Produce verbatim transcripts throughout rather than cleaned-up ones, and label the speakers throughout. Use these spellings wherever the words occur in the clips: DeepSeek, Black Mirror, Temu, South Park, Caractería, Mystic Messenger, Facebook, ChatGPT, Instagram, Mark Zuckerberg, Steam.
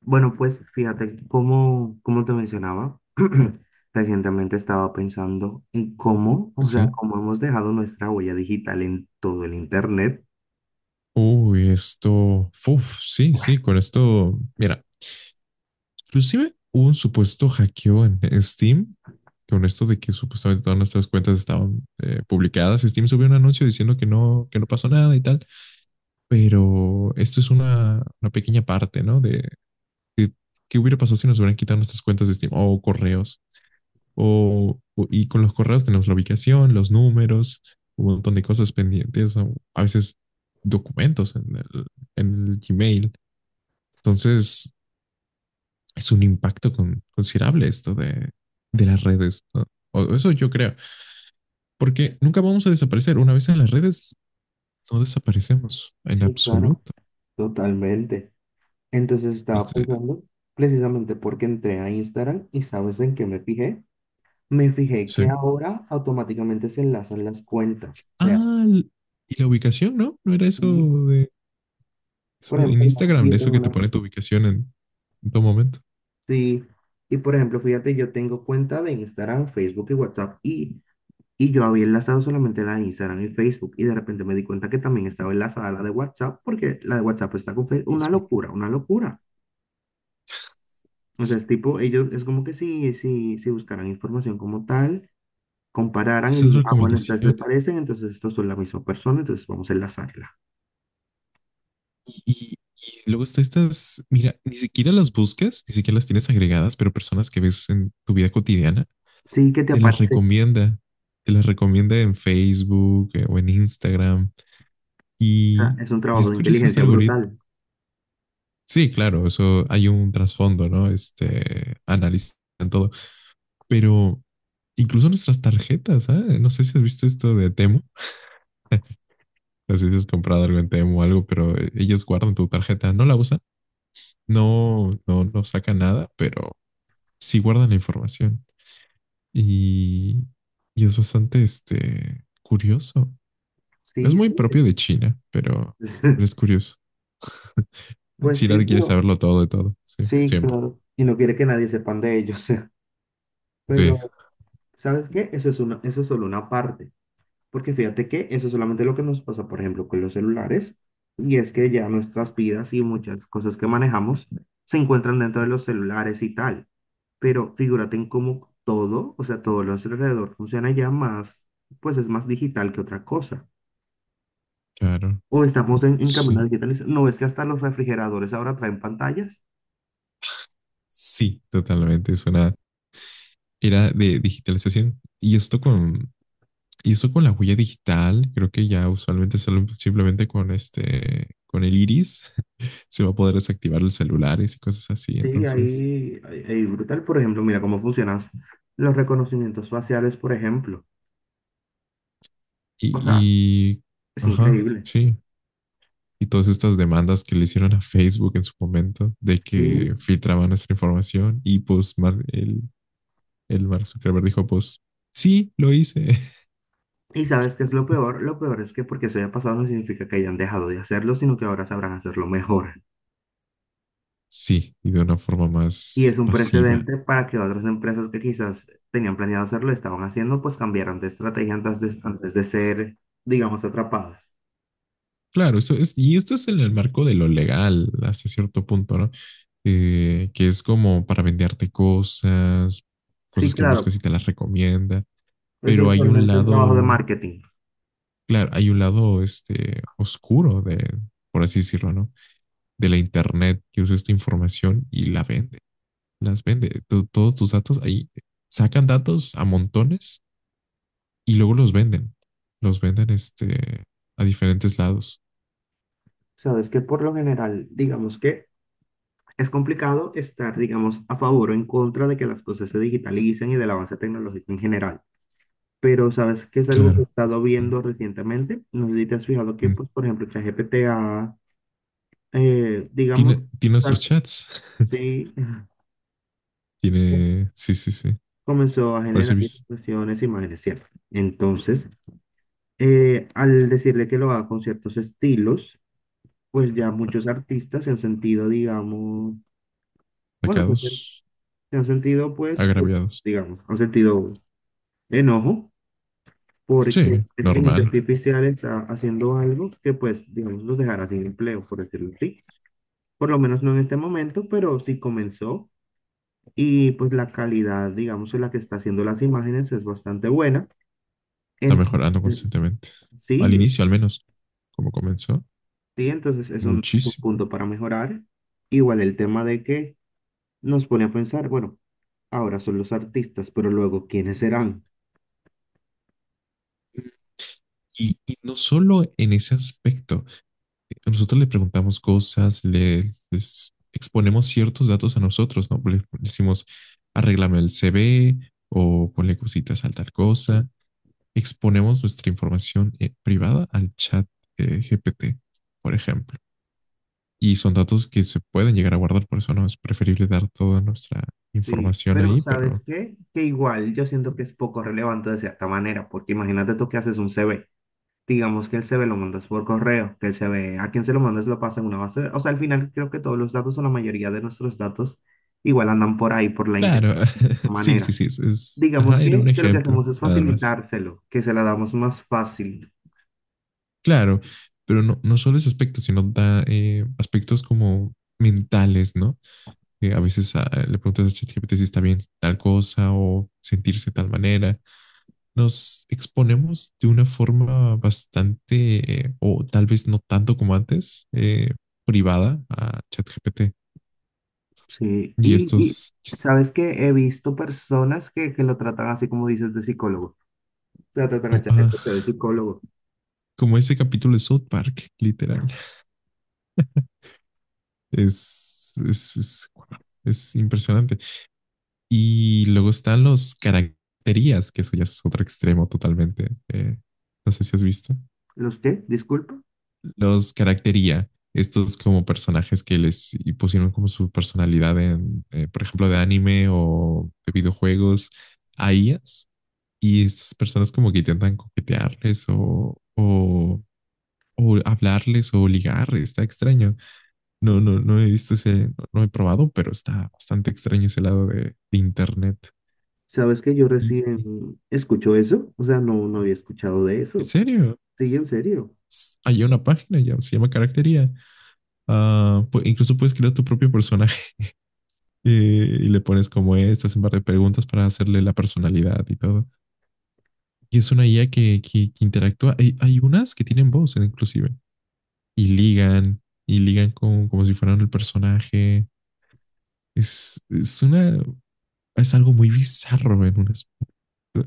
Speaker 1: Bueno, pues fíjate, como, como te mencionaba, recientemente estaba pensando en cómo, o sea,
Speaker 2: Sí.
Speaker 1: cómo hemos dejado nuestra huella digital en todo el Internet.
Speaker 2: Uy, esto. Uf, sí, sí, con esto. Mira, inclusive hubo un supuesto hackeo en Steam, con esto de que supuestamente todas nuestras cuentas estaban eh, publicadas. Steam subió un anuncio diciendo que no, que no pasó nada y tal. Pero esto es una, una pequeña parte, ¿no? De, de qué hubiera pasado si nos hubieran quitado nuestras cuentas de Steam o correos. O, o- y con los correos tenemos la ubicación, los números, un montón de cosas pendientes, o a veces documentos en el, en el Gmail. Entonces, es un impacto con- considerable esto de, de las redes, ¿no? O eso yo creo, porque nunca vamos a desaparecer. Una vez en las redes, no desaparecemos en
Speaker 1: Sí, claro,
Speaker 2: absoluto.
Speaker 1: totalmente. Entonces estaba
Speaker 2: Este,
Speaker 1: pensando, precisamente porque entré a Instagram y ¿sabes en qué me fijé? Me fijé que
Speaker 2: Sí.
Speaker 1: ahora automáticamente se enlazan las cuentas. O sea,
Speaker 2: Ah, l- y la ubicación, ¿no? No era eso
Speaker 1: y,
Speaker 2: de,
Speaker 1: por
Speaker 2: eso de- en
Speaker 1: ejemplo, digamos que
Speaker 2: Instagram, de
Speaker 1: yo
Speaker 2: eso
Speaker 1: tengo
Speaker 2: que te
Speaker 1: una-
Speaker 2: pone tu ubicación en, en todo momento.
Speaker 1: sí, y por ejemplo, fíjate, yo tengo cuenta de Instagram, Facebook y WhatsApp y Y yo había enlazado solamente la de Instagram y Facebook y de repente me di cuenta que también estaba enlazada la de WhatsApp porque la de WhatsApp está con Facebook.
Speaker 2: Dios
Speaker 1: Una
Speaker 2: mío.
Speaker 1: locura, una locura. O sea, es tipo, ellos es como que si, si, si buscaran información como tal,
Speaker 2: Y
Speaker 1: compararan y
Speaker 2: Esas
Speaker 1: dijeran, ah, bueno, estas se
Speaker 2: recomendaciones.
Speaker 1: parecen, entonces estos son la misma persona, entonces vamos a enlazarla.
Speaker 2: Y, y- y luego está estas, mira, ni siquiera las buscas, ni siquiera las tienes agregadas, pero personas que ves en tu vida cotidiana
Speaker 1: Sí, que te
Speaker 2: te las
Speaker 1: aparece. O
Speaker 2: recomienda, te las recomienda en Facebook, eh, o en Instagram.
Speaker 1: sea,
Speaker 2: Y,
Speaker 1: es un
Speaker 2: y
Speaker 1: trabajo
Speaker 2: es
Speaker 1: de
Speaker 2: curioso este
Speaker 1: inteligencia
Speaker 2: algoritmo.
Speaker 1: brutal.
Speaker 2: Sí, claro, eso hay un trasfondo, ¿no? Este, analizan todo, pero incluso nuestras tarjetas, ¿eh? No sé si has visto esto de Temu. No sé si has comprado algo en Temu o algo, pero ellos guardan tu tarjeta, no la usan, no, no, no sacan nada, pero sí guardan la información. Y, y es bastante, este, curioso. Es
Speaker 1: Sí, sí.
Speaker 2: muy propio de China, pero, pero es curioso.
Speaker 1: Pues sí,
Speaker 2: China quiere
Speaker 1: bro.
Speaker 2: saberlo todo de todo, sí,
Speaker 1: Sí,
Speaker 2: siempre.
Speaker 1: claro. Y no quiere que nadie sepan de ellos.
Speaker 2: Sí,
Speaker 1: Pero, ¿sabes qué? Eso es una, eso es solo una parte. Porque fíjate que eso es solamente lo que nos pasa, por ejemplo, con los celulares, y es que ya nuestras vidas y muchas cosas que manejamos se encuentran dentro de los celulares y tal. Pero figúrate en cómo todo, o sea, todo lo a nuestro alrededor funciona ya más, pues es más digital que otra cosa.
Speaker 2: claro,
Speaker 1: O estamos en, en camino
Speaker 2: sí,
Speaker 1: a digitalizar. No es que hasta los refrigeradores ahora traen pantallas.
Speaker 2: sí, totalmente. Es una era de digitalización y esto con, y esto con la huella digital, creo que ya usualmente solo- simplemente con este, con el iris se va a poder desactivar los celulares y cosas así.
Speaker 1: Sí,
Speaker 2: Entonces,
Speaker 1: ahí, ahí, ahí brutal. Por ejemplo, mira cómo funcionan los reconocimientos faciales, por ejemplo. O sea,
Speaker 2: y, y
Speaker 1: es
Speaker 2: ajá,
Speaker 1: increíble.
Speaker 2: sí, y todas estas demandas que le hicieron a Facebook en su momento de
Speaker 1: Sí.
Speaker 2: que filtraban nuestra información y pues Mar- el, el Mark Zuckerberg dijo pues sí, lo hice.
Speaker 1: Y sabes qué es lo peor, lo peor es que porque eso haya pasado no significa que hayan dejado de hacerlo, sino que ahora sabrán hacerlo mejor.
Speaker 2: Sí, y de una forma
Speaker 1: Y
Speaker 2: más
Speaker 1: es un
Speaker 2: pasiva.
Speaker 1: precedente para que otras empresas que quizás tenían planeado hacerlo, estaban haciendo, pues cambiaran de estrategia antes de, antes de ser, digamos, atrapadas.
Speaker 2: Claro, eso es, y esto es en el marco de lo legal hasta cierto punto, ¿no? Eh, que es como para venderte cosas,
Speaker 1: Sí,
Speaker 2: cosas que buscas y
Speaker 1: claro,
Speaker 2: te las recomienda,
Speaker 1: eso es
Speaker 2: pero hay un
Speaker 1: usualmente un trabajo de
Speaker 2: lado,
Speaker 1: marketing.
Speaker 2: claro, hay un lado este, oscuro de, por así decirlo, ¿no? De la internet que usa esta información y la vende, las vende. Tu- todos tus datos ahí sacan datos a montones y luego los venden. Los venden, este, a diferentes lados.
Speaker 1: Sabes que por lo general, digamos que es complicado estar, digamos, a favor o en contra de que las cosas se digitalicen y del avance tecnológico en general. Pero sabes que es algo que he
Speaker 2: Claro.
Speaker 1: estado
Speaker 2: Mm,
Speaker 1: viendo recientemente. No sé si te has fijado que,
Speaker 2: mm.
Speaker 1: pues, por ejemplo, ChatGPT ha, eh, digamos,
Speaker 2: Tiene, tiene nuestros
Speaker 1: ah,
Speaker 2: chats.
Speaker 1: sí,
Speaker 2: Tiene, sí, sí, sí.
Speaker 1: comenzó a
Speaker 2: Parece
Speaker 1: generar
Speaker 2: vis-
Speaker 1: expresiones, imágenes, ¿cierto? Entonces, eh, al decirle que lo haga con ciertos estilos, pues ya muchos artistas se han sentido, digamos, bueno, se han sen-
Speaker 2: sacados,
Speaker 1: se han sentido, pues,
Speaker 2: agraviados.
Speaker 1: digamos, han sentido enojo porque la
Speaker 2: Sí,
Speaker 1: inteligencia
Speaker 2: normal.
Speaker 1: artificial está haciendo algo que, pues, digamos, los dejará sin empleo, por decirlo así. Por lo menos no en este momento, pero sí comenzó y pues la calidad, digamos, en la que está haciendo las imágenes es bastante buena.
Speaker 2: Está mejorando
Speaker 1: Entonces,
Speaker 2: constantemente. Al
Speaker 1: sí,
Speaker 2: inicio, al menos, como comenzó,
Speaker 1: sí, entonces es un, es un
Speaker 2: muchísimo.
Speaker 1: punto para mejorar. Igual el tema de que nos pone a pensar, bueno, ahora son los artistas, pero luego, ¿quiénes serán?
Speaker 2: Y, y no solo en ese aspecto. Nosotros le preguntamos cosas, le les exponemos ciertos datos a nosotros, ¿no? Le decimos, arréglame el C V o ponle cositas a tal cosa. Exponemos nuestra información, eh, privada al chat, eh, G P T, por ejemplo. Y son datos que se pueden llegar a guardar, por eso no es preferible dar toda nuestra
Speaker 1: Sí,
Speaker 2: información
Speaker 1: pero
Speaker 2: ahí,
Speaker 1: ¿sabes
Speaker 2: pero
Speaker 1: qué? Que igual yo siento que es poco relevante de cierta manera, porque imagínate tú que haces un C V. Digamos que él se ve lo mandas por correo, que él se ve a quien se lo mandas lo pasa en una base. de- O sea, al final creo que todos los datos o la mayoría de nuestros datos igual andan por ahí, por la internet,
Speaker 2: claro.
Speaker 1: de alguna
Speaker 2: Sí, sí,
Speaker 1: manera.
Speaker 2: sí, es, es-
Speaker 1: Digamos
Speaker 2: ajá, era un
Speaker 1: que, que lo que
Speaker 2: ejemplo,
Speaker 1: hacemos es
Speaker 2: nada más.
Speaker 1: facilitárselo, que se la damos más fácil.
Speaker 2: Claro, pero no, no solo ese aspecto, sino da eh, aspectos como mentales, ¿no? Eh, a veces, ah, le preguntas a ChatGPT si está bien tal cosa o sentirse de tal manera. Nos exponemos de una forma bastante, eh, o tal vez no tanto como antes, eh, privada a ChatGPT.
Speaker 1: Sí,
Speaker 2: Y
Speaker 1: y, y
Speaker 2: estos, es-
Speaker 1: sabes que he visto personas que, que lo tratan así como dices de psicólogo. O sea, tratan a
Speaker 2: como,
Speaker 1: ChatGPT de
Speaker 2: ah,
Speaker 1: psicólogo.
Speaker 2: como ese capítulo de South Park, literal, es, es, es, es impresionante. Y luego están los caracterías, que eso ya es otro extremo totalmente. Eh, no sé si has visto.
Speaker 1: ¿Los qué? Disculpa.
Speaker 2: Los caractería, estos como personajes que les y pusieron como su personalidad en, eh, por ejemplo, de anime o de videojuegos a I As. Y estas personas como que intentan coquetearles o, o, o hablarles o ligar. Está extraño. No, no, no he visto ese, no, no he probado, pero está bastante extraño ese lado de, de internet.
Speaker 1: ¿Sabes que yo
Speaker 2: Y-
Speaker 1: recién escucho eso? O sea, no, no había escuchado de
Speaker 2: ¿En
Speaker 1: eso.
Speaker 2: serio?
Speaker 1: Sí, en serio.
Speaker 2: Hay una página ya, se llama Caractería. Ah, pu- incluso puedes crear tu propio personaje. eh, y le pones como es, te hacen par de preguntas para hacerle la personalidad y todo. Y es una I A que, que- que interactúa. Hay, hay unas que tienen voz, eh, inclusive, y ligan, y ligan con, como si fueran el personaje. Es, es una, es algo muy bizarro en un aspecto.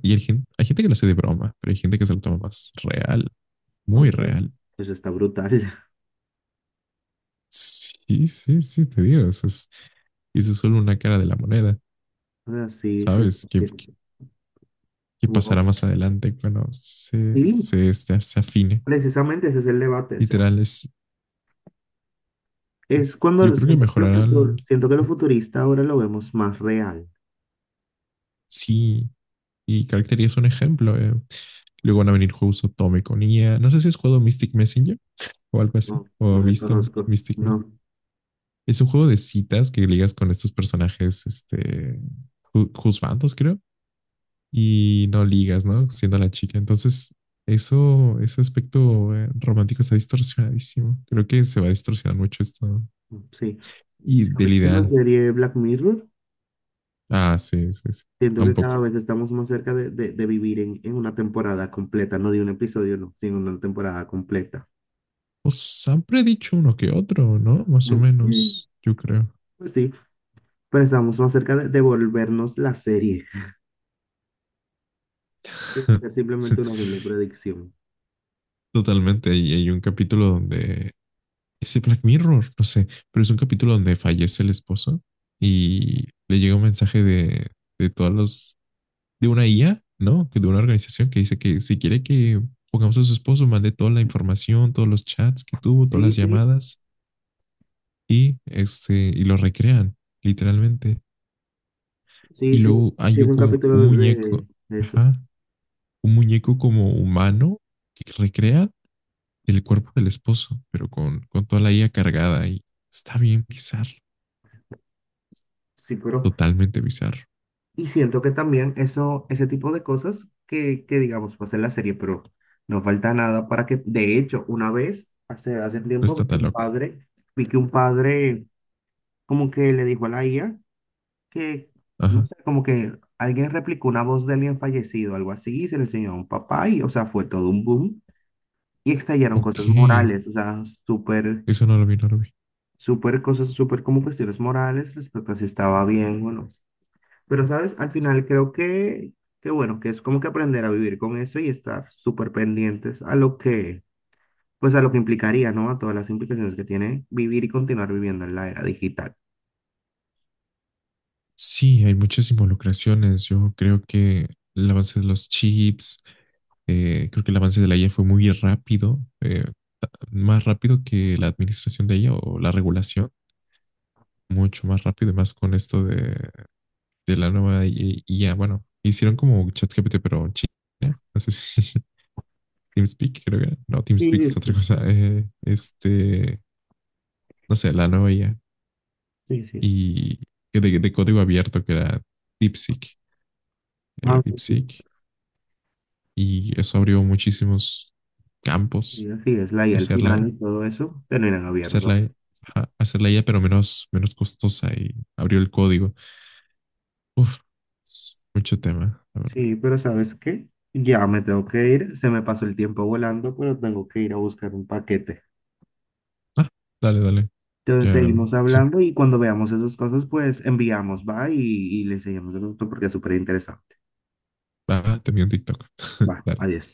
Speaker 2: Y hay gente, hay gente que lo hace de broma, pero hay gente que se lo toma más real,
Speaker 1: No,
Speaker 2: muy
Speaker 1: pero
Speaker 2: real.
Speaker 1: eso está brutal.
Speaker 2: Sí, sí, sí, te digo, eso es, eso es solo una cara de la moneda.
Speaker 1: O sea, sí, sí,
Speaker 2: ¿Sabes? ¿Qué,
Speaker 1: sí.
Speaker 2: qué- qué
Speaker 1: Bueno,
Speaker 2: pasará más adelante cuando se,
Speaker 1: sí,
Speaker 2: se, este, se afine?
Speaker 1: precisamente ese es el debate. O sea,
Speaker 2: Literal, es,
Speaker 1: es
Speaker 2: yo
Speaker 1: cuando
Speaker 2: creo que
Speaker 1: siento que lo
Speaker 2: mejorarán.
Speaker 1: futu- siento que lo
Speaker 2: Mm.
Speaker 1: futurista ahora lo vemos más real.
Speaker 2: Sí, y Caracteria es un ejemplo. eh. Luego van a venir juegos Otome con I a. No sé si has jugado Mystic Messenger o algo así,
Speaker 1: No, no
Speaker 2: o
Speaker 1: le
Speaker 2: visto
Speaker 1: conozco.
Speaker 2: Mystic Messenger.
Speaker 1: No,
Speaker 2: Es un juego de citas que ligas con estos personajes, este, ju- juzbandos, creo. Y no ligas, ¿no? Siendo la chica. Entonces, eso, ese aspecto, eh, romántico, está distorsionadísimo. Creo que se va a distorsionar mucho esto, ¿no?
Speaker 1: sí.
Speaker 2: Y
Speaker 1: Si
Speaker 2: del
Speaker 1: ubicas la
Speaker 2: ideal.
Speaker 1: serie Black Mirror,
Speaker 2: Ah, sí, sí, sí.
Speaker 1: siento que cada
Speaker 2: Tampoco.
Speaker 1: vez estamos más cerca de, de- de vivir en, en una temporada completa, no de un episodio, no, sino una temporada completa.
Speaker 2: Os han predicho uno que otro, ¿no? Más o
Speaker 1: Mm, sí,
Speaker 2: menos, yo creo.
Speaker 1: pues sí, pero estamos más cerca de, de volvernos la serie. Es simplemente una simple predicción.
Speaker 2: Totalmente. Y hay un capítulo donde... Ese Black Mirror, no sé, pero es un capítulo donde fallece el esposo y le llega un mensaje de, de todos los, de una I A, ¿no? Que de una organización que dice que si quiere que pongamos a su esposo, mande toda la información, todos los chats que tuvo, todas
Speaker 1: Sí,
Speaker 2: las
Speaker 1: sí,
Speaker 2: llamadas y, este, y lo recrean, literalmente.
Speaker 1: sí,
Speaker 2: Y
Speaker 1: sí,
Speaker 2: luego
Speaker 1: sí,
Speaker 2: hay
Speaker 1: es
Speaker 2: un,
Speaker 1: un
Speaker 2: como un
Speaker 1: capítulo de,
Speaker 2: muñeco,
Speaker 1: de eso.
Speaker 2: ajá, un muñeco como humano que recrea el cuerpo del esposo, pero con, con toda la I A cargada y está bien bizarro,
Speaker 1: Sí, pero.
Speaker 2: totalmente bizarro.
Speaker 1: Y siento que también eso, ese tipo de cosas que, que digamos, pasa en la serie, pero no falta nada para que. De hecho, una vez, hace, hace
Speaker 2: No
Speaker 1: tiempo,
Speaker 2: está
Speaker 1: vi que
Speaker 2: tan
Speaker 1: un
Speaker 2: loco.
Speaker 1: padre, vi que un padre como que le dijo a la I A que, no
Speaker 2: Ajá.
Speaker 1: sé, como que alguien replicó una voz de alguien fallecido, algo así, y se le enseñó a un papá, y, o sea, fue todo un boom. Y estallaron cosas
Speaker 2: Ok.
Speaker 1: morales, o sea, súper
Speaker 2: Eso no lo vi, no lo vi.
Speaker 1: súper cosas, súper como cuestiones morales respecto a si estaba bien o no. Pero, ¿sabes? Al final creo que, que bueno, que es como que aprender a vivir con eso y estar súper pendientes a lo que, pues a lo que implicaría, ¿no? A todas las implicaciones que tiene vivir y continuar viviendo en la era digital.
Speaker 2: Sí, hay muchas involucraciones. Yo creo que el avance de los chips, eh, creo que el avance de la I A fue muy rápido, eh, más rápido que la administración de ella o la regulación, mucho más rápido, y más con esto de, de la nueva I A. Bueno, hicieron como ChatGPT, pero China, no sé si TeamSpeak, creo que era. No,
Speaker 1: Sí,
Speaker 2: TeamSpeak es otra
Speaker 1: pues,
Speaker 2: cosa. Eh, este, no sé, la nueva I A
Speaker 1: sí, sí.
Speaker 2: y que de, de código abierto que era DeepSeek. Era
Speaker 1: Ah, pues sí.
Speaker 2: DeepSeek y eso abrió muchísimos
Speaker 1: Sí,
Speaker 2: campos
Speaker 1: así es, la I A
Speaker 2: de
Speaker 1: al
Speaker 2: ser la,
Speaker 1: final y todo eso terminan
Speaker 2: ser
Speaker 1: abierto.
Speaker 2: la- ajá, hacerla ella, pero menos, menos costosa y abrió el código. Uf, es mucho tema, la verdad.
Speaker 1: Sí, pero ¿sabes qué? Ya me tengo que ir, se me pasó el tiempo volando, pero tengo que ir a buscar un paquete.
Speaker 2: Ah, dale, dale.
Speaker 1: Entonces
Speaker 2: Ya,
Speaker 1: seguimos
Speaker 2: sí.
Speaker 1: hablando y cuando veamos esas cosas, pues enviamos, va, y, y le seguimos el otro porque es súper interesante.
Speaker 2: Ah, te vi un TikTok.
Speaker 1: Va,
Speaker 2: Dale.
Speaker 1: adiós.